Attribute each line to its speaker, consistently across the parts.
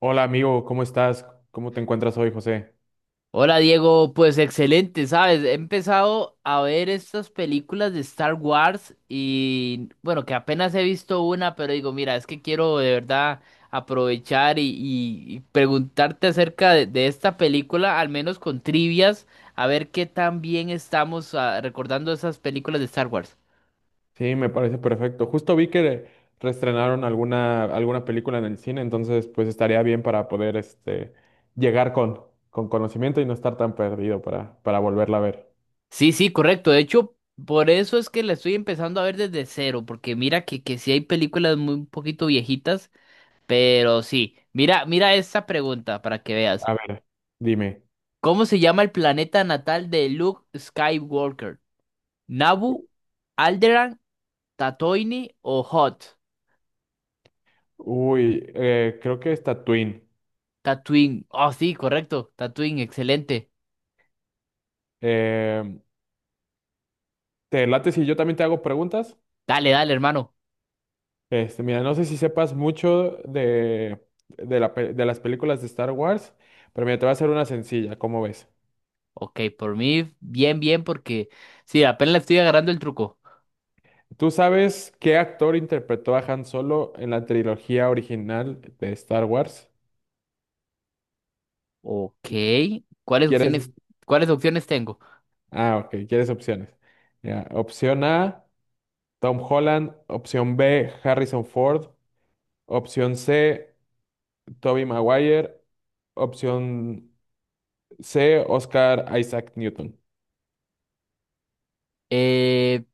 Speaker 1: Hola amigo, ¿cómo estás? ¿Cómo te encuentras hoy, José?
Speaker 2: Hola Diego, pues excelente, ¿sabes? He empezado a ver estas películas de Star Wars y bueno, que apenas he visto una, pero digo, mira, es que quiero de verdad aprovechar y preguntarte acerca de esta película, al menos con trivias, a ver qué tan bien estamos recordando esas películas de Star Wars.
Speaker 1: Sí, me parece perfecto. Justo vi que reestrenaron alguna película en el cine, entonces pues estaría bien para poder llegar con conocimiento y no estar tan perdido para volverla a ver.
Speaker 2: Sí, sí, correcto. De hecho, por eso es que la estoy empezando a ver desde cero, porque mira que sí hay películas muy un poquito viejitas. Pero sí, mira esta pregunta para que veas.
Speaker 1: A ver, dime.
Speaker 2: ¿Cómo se llama el planeta natal de Luke Skywalker? ¿Nabu, Alderaan, Tatooine o Hot?
Speaker 1: Uy, creo que está Twin.
Speaker 2: Tatooine. Oh, sí, correcto. Tatooine, excelente.
Speaker 1: Eh, ¿Te late si yo también te hago preguntas?
Speaker 2: Dale, dale, hermano.
Speaker 1: Mira, no sé si sepas mucho de la de las películas de Star Wars, pero mira, te voy a hacer una sencilla, ¿cómo ves?
Speaker 2: Ok, por mí, bien, bien, porque sí, apenas le estoy agarrando el truco.
Speaker 1: ¿Tú sabes qué actor interpretó a Han Solo en la trilogía original de Star Wars?
Speaker 2: Ok, ¿cuáles
Speaker 1: ¿Quieres?
Speaker 2: opciones, cuáles opciones tengo?
Speaker 1: Ah, ok, ¿quieres opciones? Ya, opción A, Tom Holland. Opción B, Harrison Ford. Opción C, Tobey Maguire. Opción C, Oscar Isaac Newton.
Speaker 2: Eh,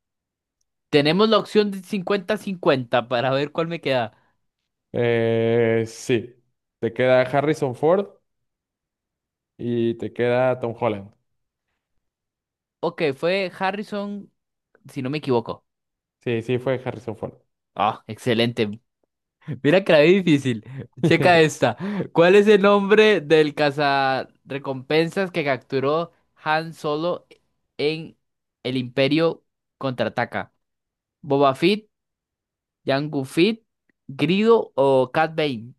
Speaker 2: Tenemos la opción de cincuenta-cincuenta para ver cuál me queda.
Speaker 1: Sí, te queda Harrison Ford y te queda Tom Holland.
Speaker 2: Ok, fue Harrison si no me equivoco.
Speaker 1: Sí, sí, fue Harrison Ford.
Speaker 2: Ah, excelente. Mira que la vi difícil. Checa esta. ¿Cuál es el nombre del cazarrecompensas que capturó Han Solo en el Imperio Contraataca? ¿Boba Fett, Jango Fett, Grido o Cat Bane?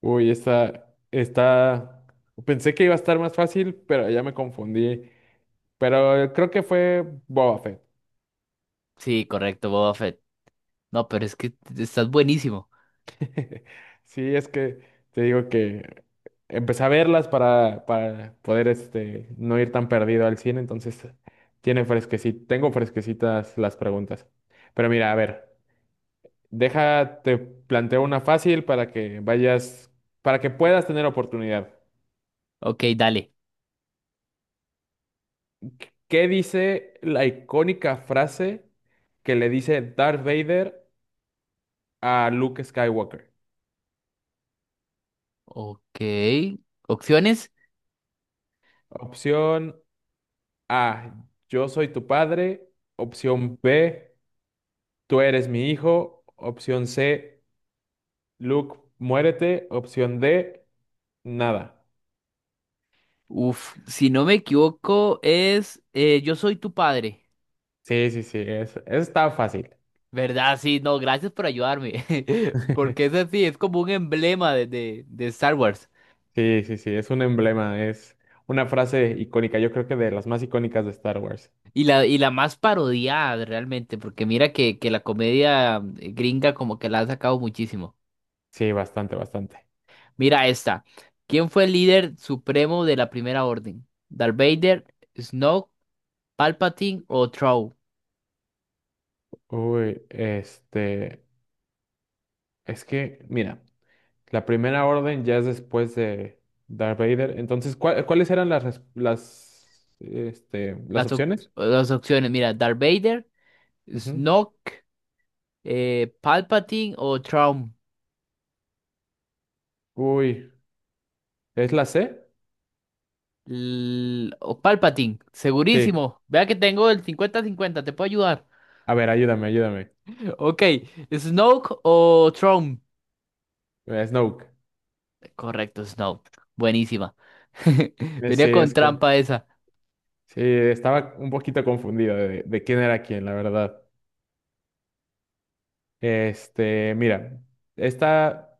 Speaker 1: Uy, esta, pensé que iba a estar más fácil, pero ya me confundí. Pero creo que fue Boba Fett.
Speaker 2: Sí, correcto, Boba Fett. No, pero es que estás buenísimo.
Speaker 1: Sí, es que te digo que empecé a verlas para poder no ir tan perdido al cine, entonces tiene fresquecita, tengo fresquecitas las preguntas. Pero mira, a ver, deja, te planteo una fácil para que vayas, para que puedas tener oportunidad.
Speaker 2: Ok, dale.
Speaker 1: ¿Qué dice la icónica frase que le dice Darth Vader a Luke Skywalker?
Speaker 2: Ok. Opciones.
Speaker 1: Opción A, yo soy tu padre. Opción B, tú eres mi hijo. Opción C, Luke, muérete. Opción D, nada.
Speaker 2: Uf, si no me equivoco, es yo soy tu padre.
Speaker 1: Sí, sí, sí, está fácil.
Speaker 2: ¿Verdad? Sí, no, gracias por ayudarme. Porque es así, es como un emblema de Star Wars.
Speaker 1: Sí, sí, sí, es un emblema, es una frase icónica, yo creo que de las más icónicas de Star Wars.
Speaker 2: Y la más parodiada realmente, porque mira que la comedia gringa como que la ha sacado muchísimo.
Speaker 1: Sí, bastante, bastante.
Speaker 2: Mira esta. ¿Quién fue el líder supremo de la Primera Orden? ¿Darth Vader, Snoke, Palpatine o Thrawn?
Speaker 1: Uy, este... Es que, mira, la primera orden ya es después de Darth Vader. Entonces, ¿cuáles eran las, las
Speaker 2: Las, op-
Speaker 1: opciones?
Speaker 2: las opciones, mira, Darth Vader,
Speaker 1: Ujú.
Speaker 2: Snoke, Palpatine o Thrawn.
Speaker 1: Uy, ¿es la C?
Speaker 2: L- o Palpatine,
Speaker 1: Sí.
Speaker 2: segurísimo. Vea que tengo el cincuenta-cincuenta. Te puedo ayudar.
Speaker 1: A ver, ayúdame, ayúdame.
Speaker 2: Ok, Snoke o Throne.
Speaker 1: Snoke.
Speaker 2: Correcto, Snoke. Buenísima.
Speaker 1: Sí,
Speaker 2: Venía con
Speaker 1: es que
Speaker 2: trampa esa.
Speaker 1: sí, estaba un poquito confundido de quién era quién, la verdad. Mira, esta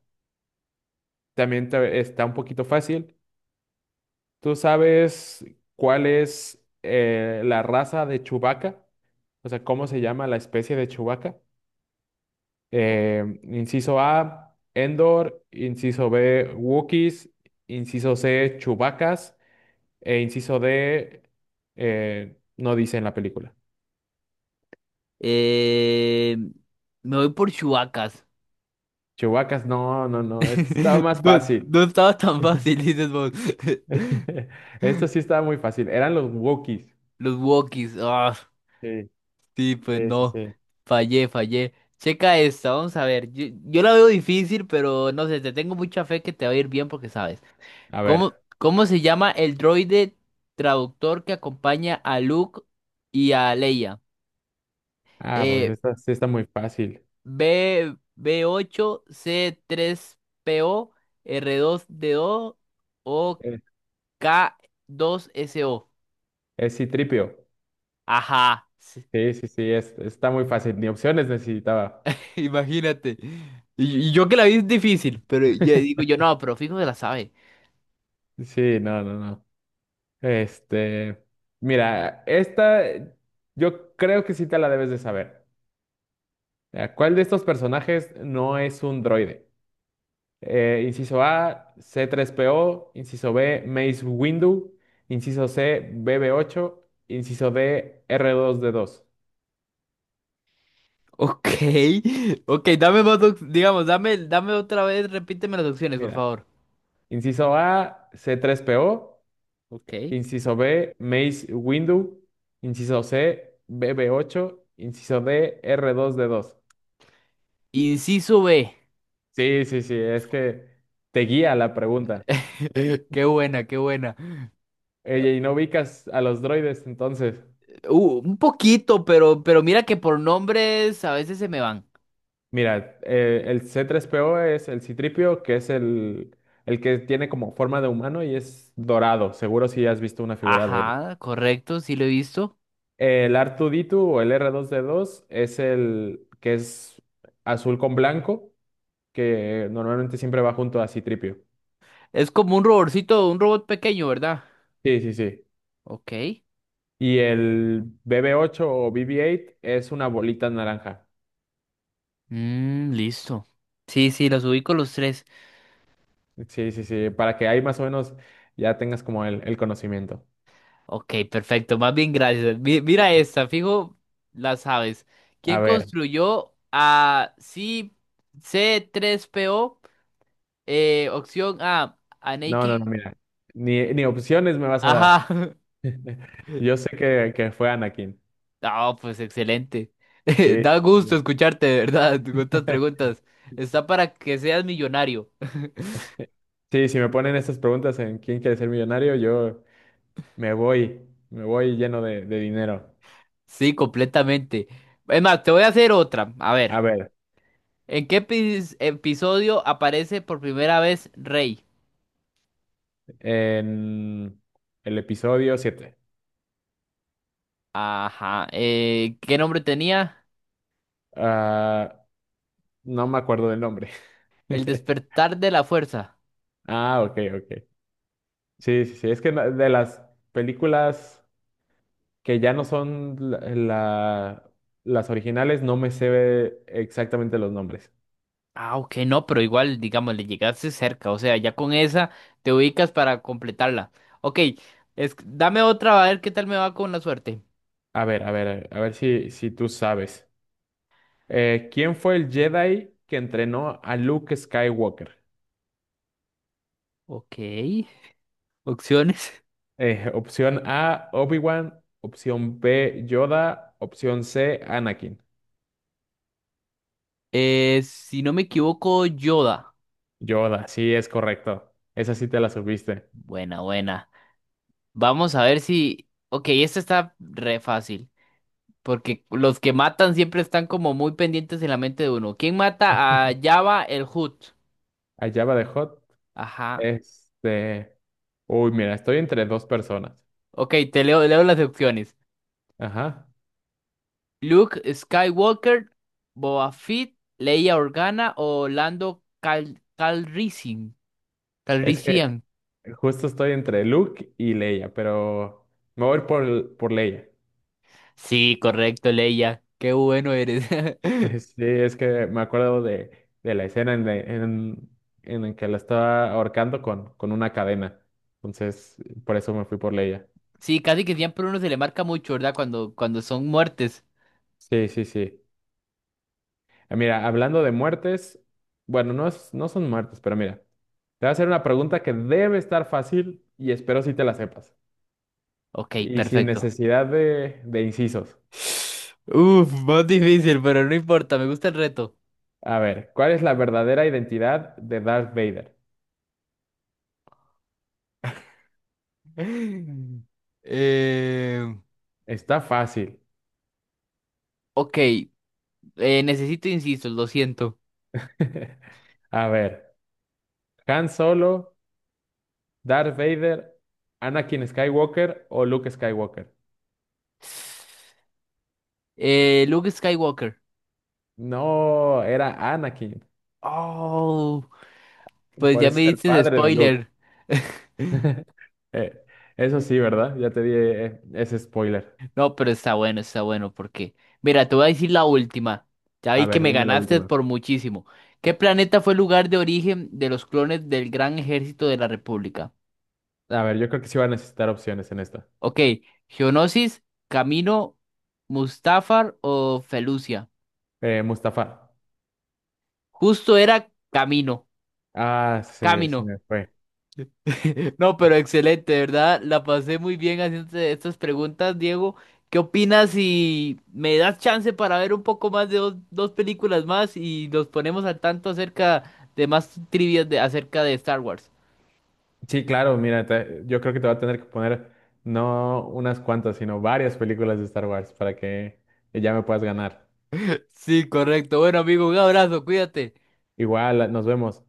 Speaker 1: está un poquito fácil. ¿Tú sabes cuál es la raza de Chewbacca? O sea, ¿cómo se llama la especie de Chewbacca? Inciso A, Endor. Inciso B, Wookiees. Inciso C, Chewbaccas. E inciso D, no dice en la película.
Speaker 2: Eh, Me voy por Chewbacca.
Speaker 1: Chewbaccas, no, no, no. Esto estaba más
Speaker 2: No,
Speaker 1: fácil.
Speaker 2: no estaba tan fácil, dices vos.
Speaker 1: Esto sí estaba muy fácil. Eran los Wookiees.
Speaker 2: Los walkies. Ah,
Speaker 1: Sí,
Speaker 2: sí, pues
Speaker 1: sí, sí,
Speaker 2: no.
Speaker 1: sí.
Speaker 2: Fallé, fallé. Checa esta, vamos a ver. Yo la veo difícil, pero no sé, te tengo mucha fe que te va a ir bien porque sabes.
Speaker 1: A
Speaker 2: ¿Cómo,
Speaker 1: ver.
Speaker 2: cómo se llama el droide traductor que acompaña a Luke y a Leia?
Speaker 1: Ah, pues
Speaker 2: Eh,
Speaker 1: esta sí está muy fácil.
Speaker 2: B, B8, C3PO, R2D2 o
Speaker 1: Eh,
Speaker 2: K2SO.
Speaker 1: Es Citripio.
Speaker 2: Ajá, sí,
Speaker 1: Sí, sí, sí, está muy fácil. Ni opciones necesitaba.
Speaker 2: imagínate. Y yo que la vi es difícil, pero yo digo yo, no, pero fijo se la sabe.
Speaker 1: Sí, no, no, no. Este, mira, esta yo creo que sí te la debes de saber. ¿Cuál de estos personajes no es un droide? Inciso A, c tres P O. Inciso B, Mace Windu, inciso C, B B ocho. Inciso D, r dos d dos.
Speaker 2: Ok, ok, dame más, op- digamos, dame, dame otra vez, repíteme las opciones, por
Speaker 1: Mira,
Speaker 2: favor.
Speaker 1: inciso A, c tres P O.
Speaker 2: Ok.
Speaker 1: Inciso B, Mace Windu, inciso C, B B ocho. Inciso D, r dos d dos.
Speaker 2: Inciso B.
Speaker 1: Sí, sí, sí, es que te guía la pregunta.
Speaker 2: Qué buena, qué buena.
Speaker 1: Oye, y no ubicas a los droides, entonces.
Speaker 2: Un poquito, pero mira que por nombres a veces se me van.
Speaker 1: Mira, el C3PO es el Citripio, que es el que tiene como forma de humano y es dorado. Seguro si has visto una figura de él.
Speaker 2: Ajá, correcto, sí lo he visto.
Speaker 1: El r 2 o el r dos d dos es el que es azul con blanco, que normalmente siempre va junto a Citripio.
Speaker 2: Es como un robotcito, un robot pequeño, ¿verdad?
Speaker 1: Sí, sí, sí.
Speaker 2: Ok.
Speaker 1: Y el bb ocho o BB8 es una bolita naranja.
Speaker 2: Mm, listo. Sí, sí, los ubico los tres.
Speaker 1: Sí, sí, sí, para que ahí más o menos ya tengas como el conocimiento.
Speaker 2: Ok, perfecto. Más bien, gracias. Mi- mira esta, fijo, la sabes.
Speaker 1: A
Speaker 2: ¿Quién
Speaker 1: ver,
Speaker 2: construyó a C- C3PO? Opción A,
Speaker 1: no,
Speaker 2: Anakin.
Speaker 1: no, no, mira, ni opciones me vas a dar.
Speaker 2: Ajá.
Speaker 1: Yo sé que fue Anakin.
Speaker 2: Ah, pues excelente.
Speaker 1: Sí,
Speaker 2: Da gusto escucharte, de verdad, con estas preguntas. Está para que seas millonario.
Speaker 1: sí, si me ponen estas preguntas en quién quiere ser millonario, me voy, me voy lleno de dinero.
Speaker 2: Sí, completamente. Es más, te voy a hacer otra. A ver,
Speaker 1: A ver,
Speaker 2: ¿en qué epi- episodio aparece por primera vez Rey?
Speaker 1: en el episodio siete.
Speaker 2: Ajá. ¿Qué nombre tenía?
Speaker 1: Ah, no me acuerdo del nombre.
Speaker 2: El despertar de la fuerza.
Speaker 1: Ah, ok, ok. Sí, sí, sí, es que de las películas... que ya no son las originales, no me sé exactamente los nombres.
Speaker 2: Ah, ok, no, pero igual, digamos, le llegaste cerca. O sea, ya con esa te ubicas para completarla. Ok, es- dame otra, a ver qué tal me va con la suerte.
Speaker 1: A ver, a ver, a ver si tú sabes. ¿Quién fue el Jedi que entrenó a Luke Skywalker?
Speaker 2: Ok. Opciones.
Speaker 1: Opción A, Obi-Wan. Opción B, Yoda. Opción C, Anakin.
Speaker 2: Si no me equivoco, Yoda.
Speaker 1: Yoda, sí, es correcto. Esa sí te la subiste.
Speaker 2: Buena, buena. Vamos a ver si... Ok, esta está re fácil. Porque los que matan siempre están como muy pendientes en la mente de uno. ¿Quién mata a Jabba el Hutt?
Speaker 1: A Jabba the Hutt.
Speaker 2: Ajá.
Speaker 1: Este. Uy, mira, estoy entre dos personas.
Speaker 2: Ok, te leo, leo las opciones.
Speaker 1: Ajá.
Speaker 2: Luke Skywalker, Boba Fett, Leia Organa o Lando Cal Calrissian.
Speaker 1: Es que
Speaker 2: Calrissian.
Speaker 1: justo estoy entre Luke y Leia, pero me voy por Leia.
Speaker 2: Sí, correcto, Leia. Qué bueno eres.
Speaker 1: Sí, es que me acuerdo de la escena en la que la estaba ahorcando con una cadena. Entonces, por eso me fui por Leia.
Speaker 2: Sí, casi que siempre uno se le marca mucho, ¿verdad? Cuando son muertes.
Speaker 1: Sí, sí, sí. Ah, mira, hablando de muertes, bueno, no, no son muertes, pero mira, te voy a hacer una pregunta que debe estar fácil y espero si te la sepas.
Speaker 2: Ok,
Speaker 1: Y sin
Speaker 2: perfecto.
Speaker 1: necesidad de incisos.
Speaker 2: Uf, más difícil, pero no importa, me gusta el reto.
Speaker 1: A ver, ¿cuál es la verdadera identidad de Darth Vader?
Speaker 2: Eh,
Speaker 1: Está fácil.
Speaker 2: ok, necesito insisto, lo siento.
Speaker 1: A ver, Han Solo, Darth Vader, Anakin Skywalker o Luke Skywalker.
Speaker 2: Luke Skywalker.
Speaker 1: No, era Anakin.
Speaker 2: Oh, pues
Speaker 1: Por
Speaker 2: ya
Speaker 1: eso
Speaker 2: me
Speaker 1: es el
Speaker 2: dices
Speaker 1: padre de Luke.
Speaker 2: spoiler.
Speaker 1: Eh, eso sí, ¿verdad? Ya te di ese spoiler.
Speaker 2: No, pero está bueno, porque, mira, te voy a decir la última. Ya
Speaker 1: A
Speaker 2: vi que
Speaker 1: ver,
Speaker 2: me
Speaker 1: dime la
Speaker 2: ganaste
Speaker 1: última.
Speaker 2: por muchísimo. ¿Qué planeta fue el lugar de origen de los clones del Gran Ejército de la República?
Speaker 1: A ver, yo creo que sí va a necesitar opciones en esta.
Speaker 2: Ok, Geonosis, Camino, Mustafar o Felucia.
Speaker 1: Mustafa.
Speaker 2: Justo era Camino,
Speaker 1: Ah, se
Speaker 2: Camino.
Speaker 1: me fue.
Speaker 2: No, pero excelente, ¿verdad? La pasé muy bien haciéndote estas preguntas, Diego. ¿Qué opinas si me das chance para ver un poco más de dos películas más y nos ponemos al tanto acerca de más trivias de, acerca de Star Wars?
Speaker 1: Sí, claro, mira, yo creo que te va a tener que poner no unas cuantas, sino varias películas de Star Wars para que ya me puedas ganar.
Speaker 2: Sí, correcto. Bueno, amigo, un abrazo, cuídate.
Speaker 1: Igual, nos vemos.